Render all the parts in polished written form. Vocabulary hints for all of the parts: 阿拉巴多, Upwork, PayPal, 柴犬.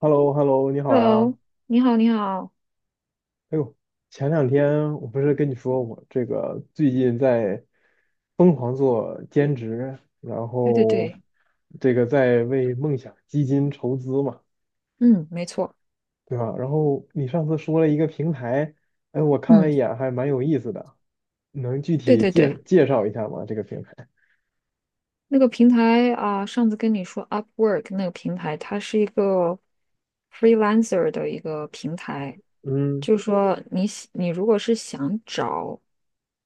h e l l o h e l l o 你好呀。Hello，你好，你好，哎呦，前两天我不是跟你说我这个最近在疯狂做兼职，然对对后对，这个在为梦想基金筹资嘛，嗯，没错，对吧？然后你上次说了一个平台，哎，我看了嗯，一眼，还蛮有意思的，能具对体对对，介介绍一下吗？这个平台？那个平台啊，上次跟你说 Upwork 那个平台，它是一个 freelancer 的一个平台，嗯就是说你如果是想找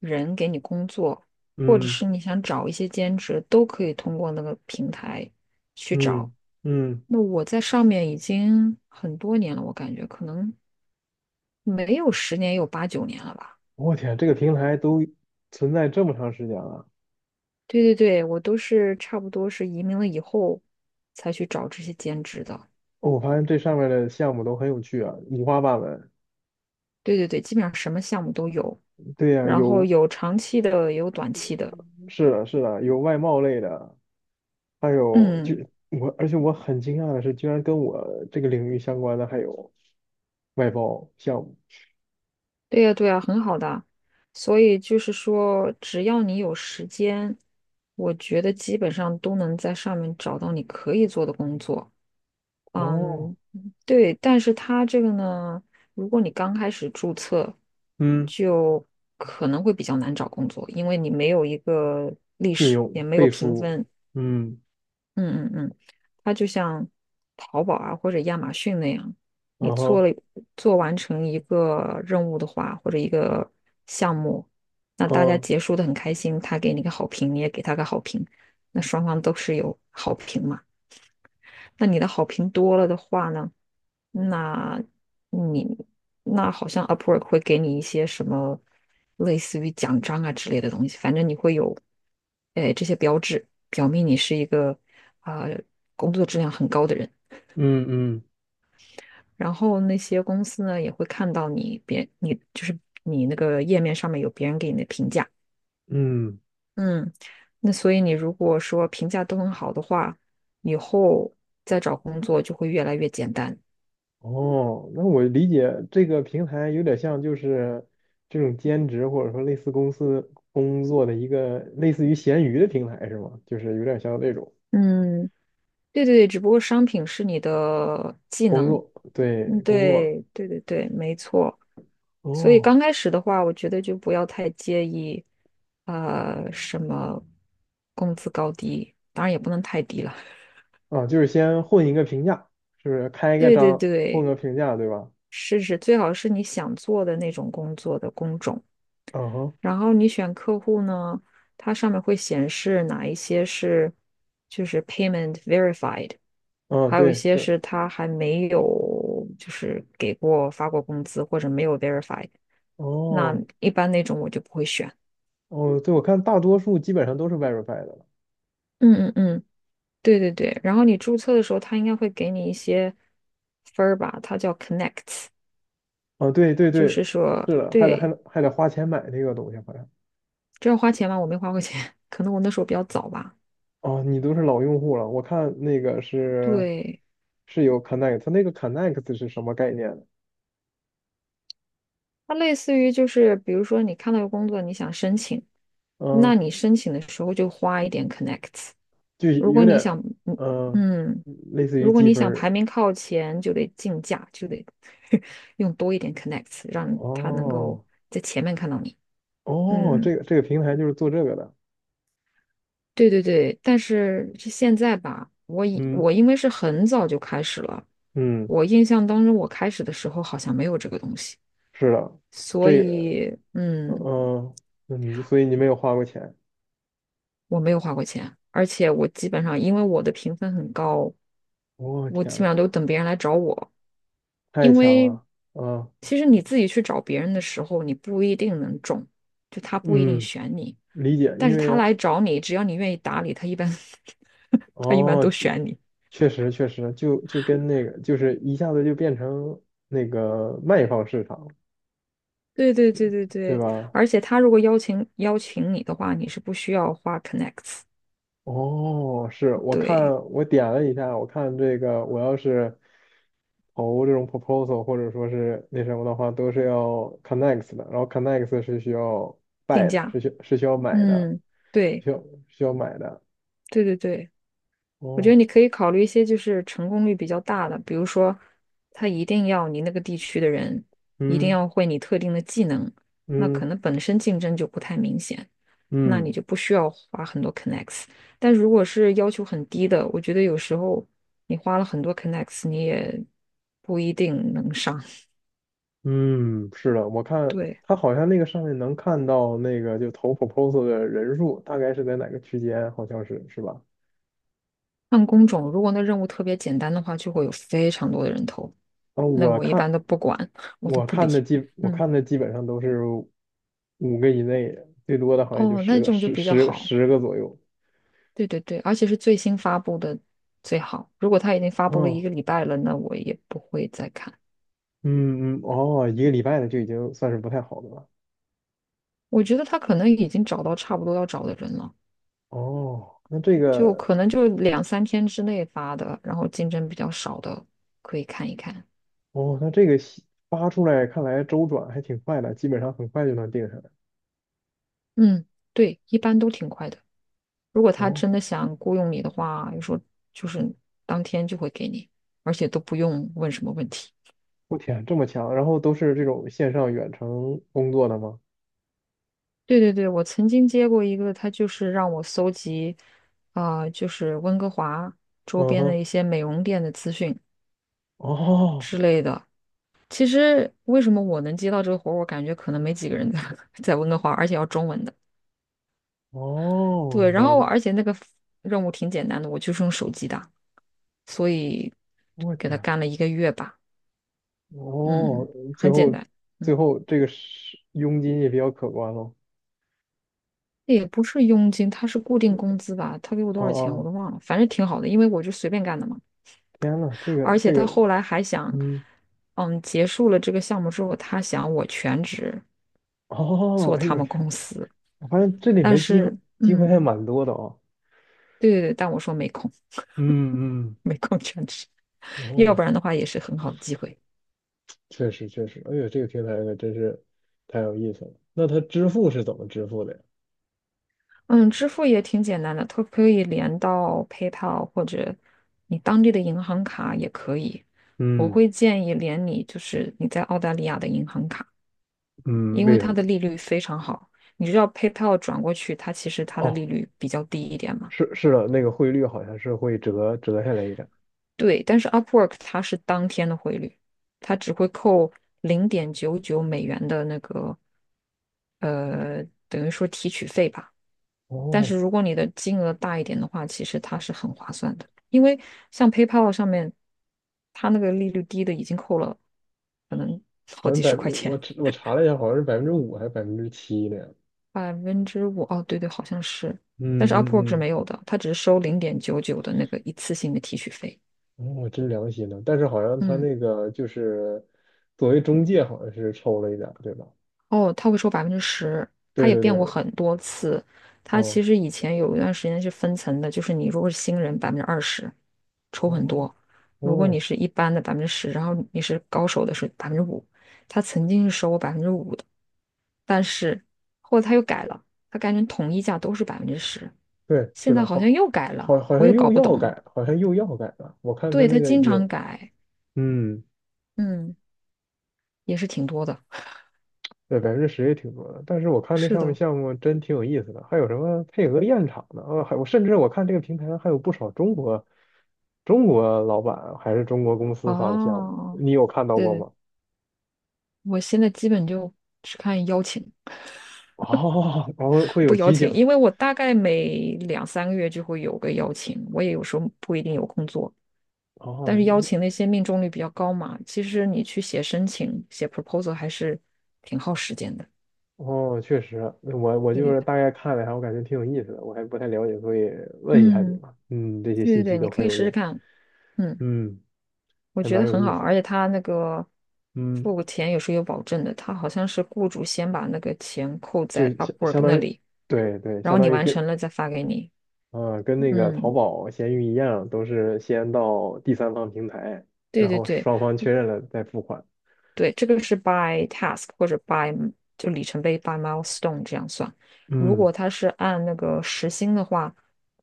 人给你工作，或者嗯是你想找一些兼职，都可以通过那个平台去找。嗯嗯，那我在上面已经很多年了，我感觉可能没有10年，有8、9年了吧。我天，这个平台都存在这么长时间了。对对对，我都是差不多是移民了以后才去找这些兼职的。哦我发现这上面的项目都很有趣啊，五花八门。对对对，基本上什么项目都有，对呀、然后有有长期的，也有短期的。是的，是的，有外贸类的，还有就嗯，我，而且我很惊讶的是，居然跟我这个领域相关的还有外包项目。对呀对呀，很好的。所以就是说，只要你有时间，我觉得基本上都能在上面找到你可以做的工作。哦，嗯，对，但是它这个呢，如果你刚开始注册，嗯，就可能会比较难找工作，因为你没有一个历信史，也用没有背评书，分。嗯，嗯嗯嗯，它就像淘宝啊或者亚马逊那样，你嗯做哼，了做完成一个任务的话，或者一个项目，那大家嗯结束的很开心，他给你个好评，你也给他个好评，那双方都是有好评嘛。那你的好评多了的话呢？那你那好像 Upwork 会给你一些什么类似于奖章啊之类的东西，反正你会有，哎，这些标志表明你是一个啊、工作质量很高的人。嗯嗯然后那些公司呢也会看到你别你就是你那个页面上面有别人给你的评价，嗯，嗯，那所以你如果说评价都很好的话，以后再找工作就会越来越简单。哦，那我理解这个平台有点像就是这种兼职或者说类似公司工作的一个类似于闲鱼的平台是吗？就是有点像那种嗯，对对对，只不过商品是你的技工能。作，对，嗯，工作。对对对对，没错。所以哦，刚开始的话，我觉得就不要太介意，什么工资高低，当然也不能太低了。啊，就是先混一个评价，是不是开 一个对对章混对，个评价，对吧？试试，最好是你想做的那种工作的工种。嗯哼，然后你选客户呢，它上面会显示哪一些是就是 payment verified，嗯，还有一对，些是，是他还没有就是发过工资或者没有 verify，那哦，一般那种我就不会选。哦，对，我看大多数基本上都是 Verify 的了。嗯嗯嗯，对对对。然后你注册的时候，他应该会给你一些分儿吧？它叫 connect，s 啊，对对就对，是说，是的，还得还对，得还得花钱买那个东西，好像。这要花钱吗？我没花过钱，可能我那时候比较早吧。哦，你都是老用户了，我看那个是对，是有 Connect,它那个 Connect 是什么概念呢？它类似于就是，比如说你看到个工作，你想申请，那嗯，你申请的时候就花一点 connect。s 就如有果点你想，儿，嗯嗯，嗯，类似于如果积你分想儿。排名靠前，就得竞价，就得 用多一点 connect，s 让他能够哦在前面看到你。哦，嗯，这个这个平台就是做这个的。对对对。但是是现在吧，我以嗯我因为是很早就开始了，嗯。我印象当中我开始的时候好像没有这个东西，是的，所这个，以嗯嗯，所以你没有花过钱，我没有花过钱，而且我基本上因为我的评分很高，我、我天基本呐，上都等别人来找我，太因强为了，嗯其实你自己去找别人的时候，你不一定能中，就他不一定嗯，选你，理解，但因是为他来找你，只要你愿意打理他，一般 他一般哦，都确选你。确实确实，就跟那个，就是一下子就变成那个卖方市场，对对对对对对，吧？而且他如果邀请你的话，你是不需要花 connects，哦，是我看对，我点了一下，我看这个我要是投这种 proposal 或者说是那什么的话，都是要 connect 的，然后 connect 是需要 定 buy 的，价，是需要买的，嗯，对需要需要买的。对对对。我觉得哦，你可以考虑一些就是成功率比较大的，比如说，他一定要你那个地区的人一定嗯要会你特定的技能，那可嗯能本身竞争就不太明显，那你嗯就不需要花很多 connects。但如果是要求很低的，我觉得有时候你花了很多 connects，你也不一定能上。嗯，是的，我看对，他好像那个上面能看到那个就投 proposal 的人数大概是在哪个区间，好像是是吧？按工种，如果那任务特别简单的话，就会有非常多的人头，啊，那我我一般看都不管，我都我不看理。的基我嗯，看的基本上都是五个以内的，最多的好像也就哦，那十这个种就十比较十好。十个左右。对对对，而且是最新发布的最好。如果他已经发布了一哦，个礼拜了，那我也不会再看。嗯嗯哦，一个礼拜的就已经算是不太好的了。我觉得他可能已经找到差不多要找的人了，哦，那这就个可能就两三天之内发的，然后竞争比较少的可以看一看。哦，那这个发出来看来周转还挺快的，基本上很快就能定下来。嗯，对，一般都挺快的。如果他哦，真的想雇佣你的话，有时候就是当天就会给你，而且都不用问什么问题。我天，这么强！然后都是这种线上远程工作的吗？对对对，我曾经接过一个，他就是让我搜集，就是温哥华周嗯边的哼，一些美容店的资讯哦之类的。其实为什么我能接到这个活儿，我感觉可能没几个人在 在温哥华，而且要中文的。哦，对，然了后解。而且那个任务挺简单的，我就是用手机打，所以我给他天，干了一个月吧。哦，嗯，最很简后单。嗯，最后这个是佣金也比较可观喽。也不是佣金，他是固定工资吧？他给我多哦少钱我哦，都忘了，反正挺好的，因为我就随便干的嘛。天呐，而且他后来还想，嗯，嗯，结束了这个项目之后，他想我全职哦，做哎呦他我们天，公司，我发现这里但面机会是，机会嗯，还蛮多的啊。对对对，但我说没空，嗯嗯，没空全职，要不哦，然的话也是很好的机会。确实确实，哎呦，这个平台可真是太有意思了。那它支付是怎么支付的呀？嗯，支付也挺简单的，它可以连到 PayPal 或者你当地的银行卡也可以。我嗯会建议连你就是你在澳大利亚的银行卡，嗯，因为为什它么？的利率非常好。你知道 PayPal 转过去，它其实它的哦，利率比较低一点嘛。是是的，那个汇率好像是会折下来一点。对，但是 Upwork 它是当天的汇率，它只会扣$0.99的那个等于说提取费吧。但哦，是如果你的金额大一点的话，其实它是很划算的，因为像 PayPal 上面，它那个利率低的已经扣了可能好好像几百，十块我钱，我查了一下，好像是百分之五还是百分之七呢。百分之五。哦，对对，好像是。但是 嗯 Upwork 是嗯没有的，它只是收零点九九的那个一次性的提取费。嗯，我真良心呢。但是好像他嗯。那个就是作为中介，好像是抽了一点儿对吧？哦，他会收百分之十，他对也对变过对，很多次。他哦其实以前有一段时间是分层的，就是你如果是新人20%，抽很多；哦如果你哦，是一般的百分之十，然后你是高手的是百分之五。他曾经是收我百分之五的，但是后来他又改了，他改成统一价都是百分之十，对，是现在的，好像好，又改了，好，好我像又搞又不懂要了。改，好像又要改了。我看他对，那他个经有，常改，嗯，嗯，也是挺多的。对，百分之十也挺多的。但是我看那是上面的，项目真挺有意思的，还有什么配合验厂的啊，还我甚至我看这个平台上还有不少中国老板还是中国公司发的项目，哦，你有看到对过对吗？我现在基本就只看邀请，哦，后会不有邀提请，醒，因为我大概每两三个月就会有个邀请，我也有时候不一定有空做，哦，但是邀请那些命中率比较高嘛，其实你去写申请、写 proposal 还是挺耗时间的。哦，确实，我我对就对是对大概看了一下，我感觉挺有意思的，我还不太了解，所以问一下你嗯，嘛，嗯，这些对信对息对，你都可很以有试试用，看，嗯，嗯，我还觉得蛮有很好，意思而的，且他那个嗯，付钱有时候有保证的，他好像是雇主先把那个钱扣就在 相相 Upwork 当那于，里，对对，然相后你当于完跟，成了再发给你，呃，跟那个淘嗯。宝、闲鱼一样，都是先到第三方平台，对然对后对，双方确认了再付款，对，这个是 by task 或者 by 就里程碑 by milestone 这样算。如嗯果他是按那个时薪的话，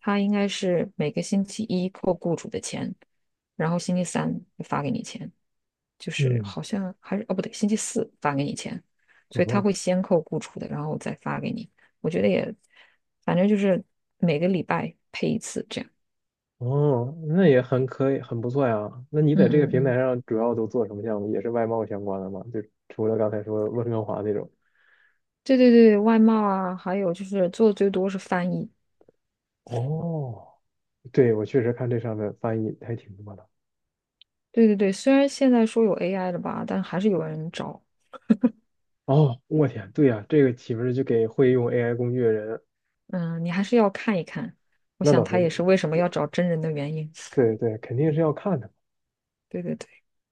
他应该是每个星期一扣雇主的钱，然后星期三发给你钱，就是嗯，好像还是哦不对，星期四发给你钱，所不以他错会先扣雇主的，然后再发给你。我觉得也，反正就是每个礼拜配一次这样。哦，那也很可以，很不错呀。那你在这个嗯嗯平台嗯，上主要都做什么项目？也是外贸相关的吗？就除了刚才说温哥华那种。对对对，外贸啊，还有就是做的最多是翻译。哦，对，我确实看这上面翻译还挺多的。对对对，虽然现在说有 AI 了吧，但还是有人找。哦，我天，对呀，这个岂不是就给会用 AI 工具的人？嗯，你还是要看一看。我那想倒是，他也是为什么要找真人的原因。对对，肯定是要看的。对对对，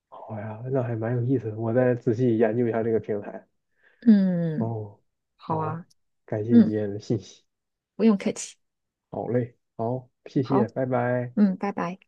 好呀，那还蛮有意思的，我再仔细研究一下这个平台。嗯，哦，好啊，好，感谢你今嗯，天的信息。不用客气。好嘞，好，谢好，谢，拜拜。嗯，拜拜。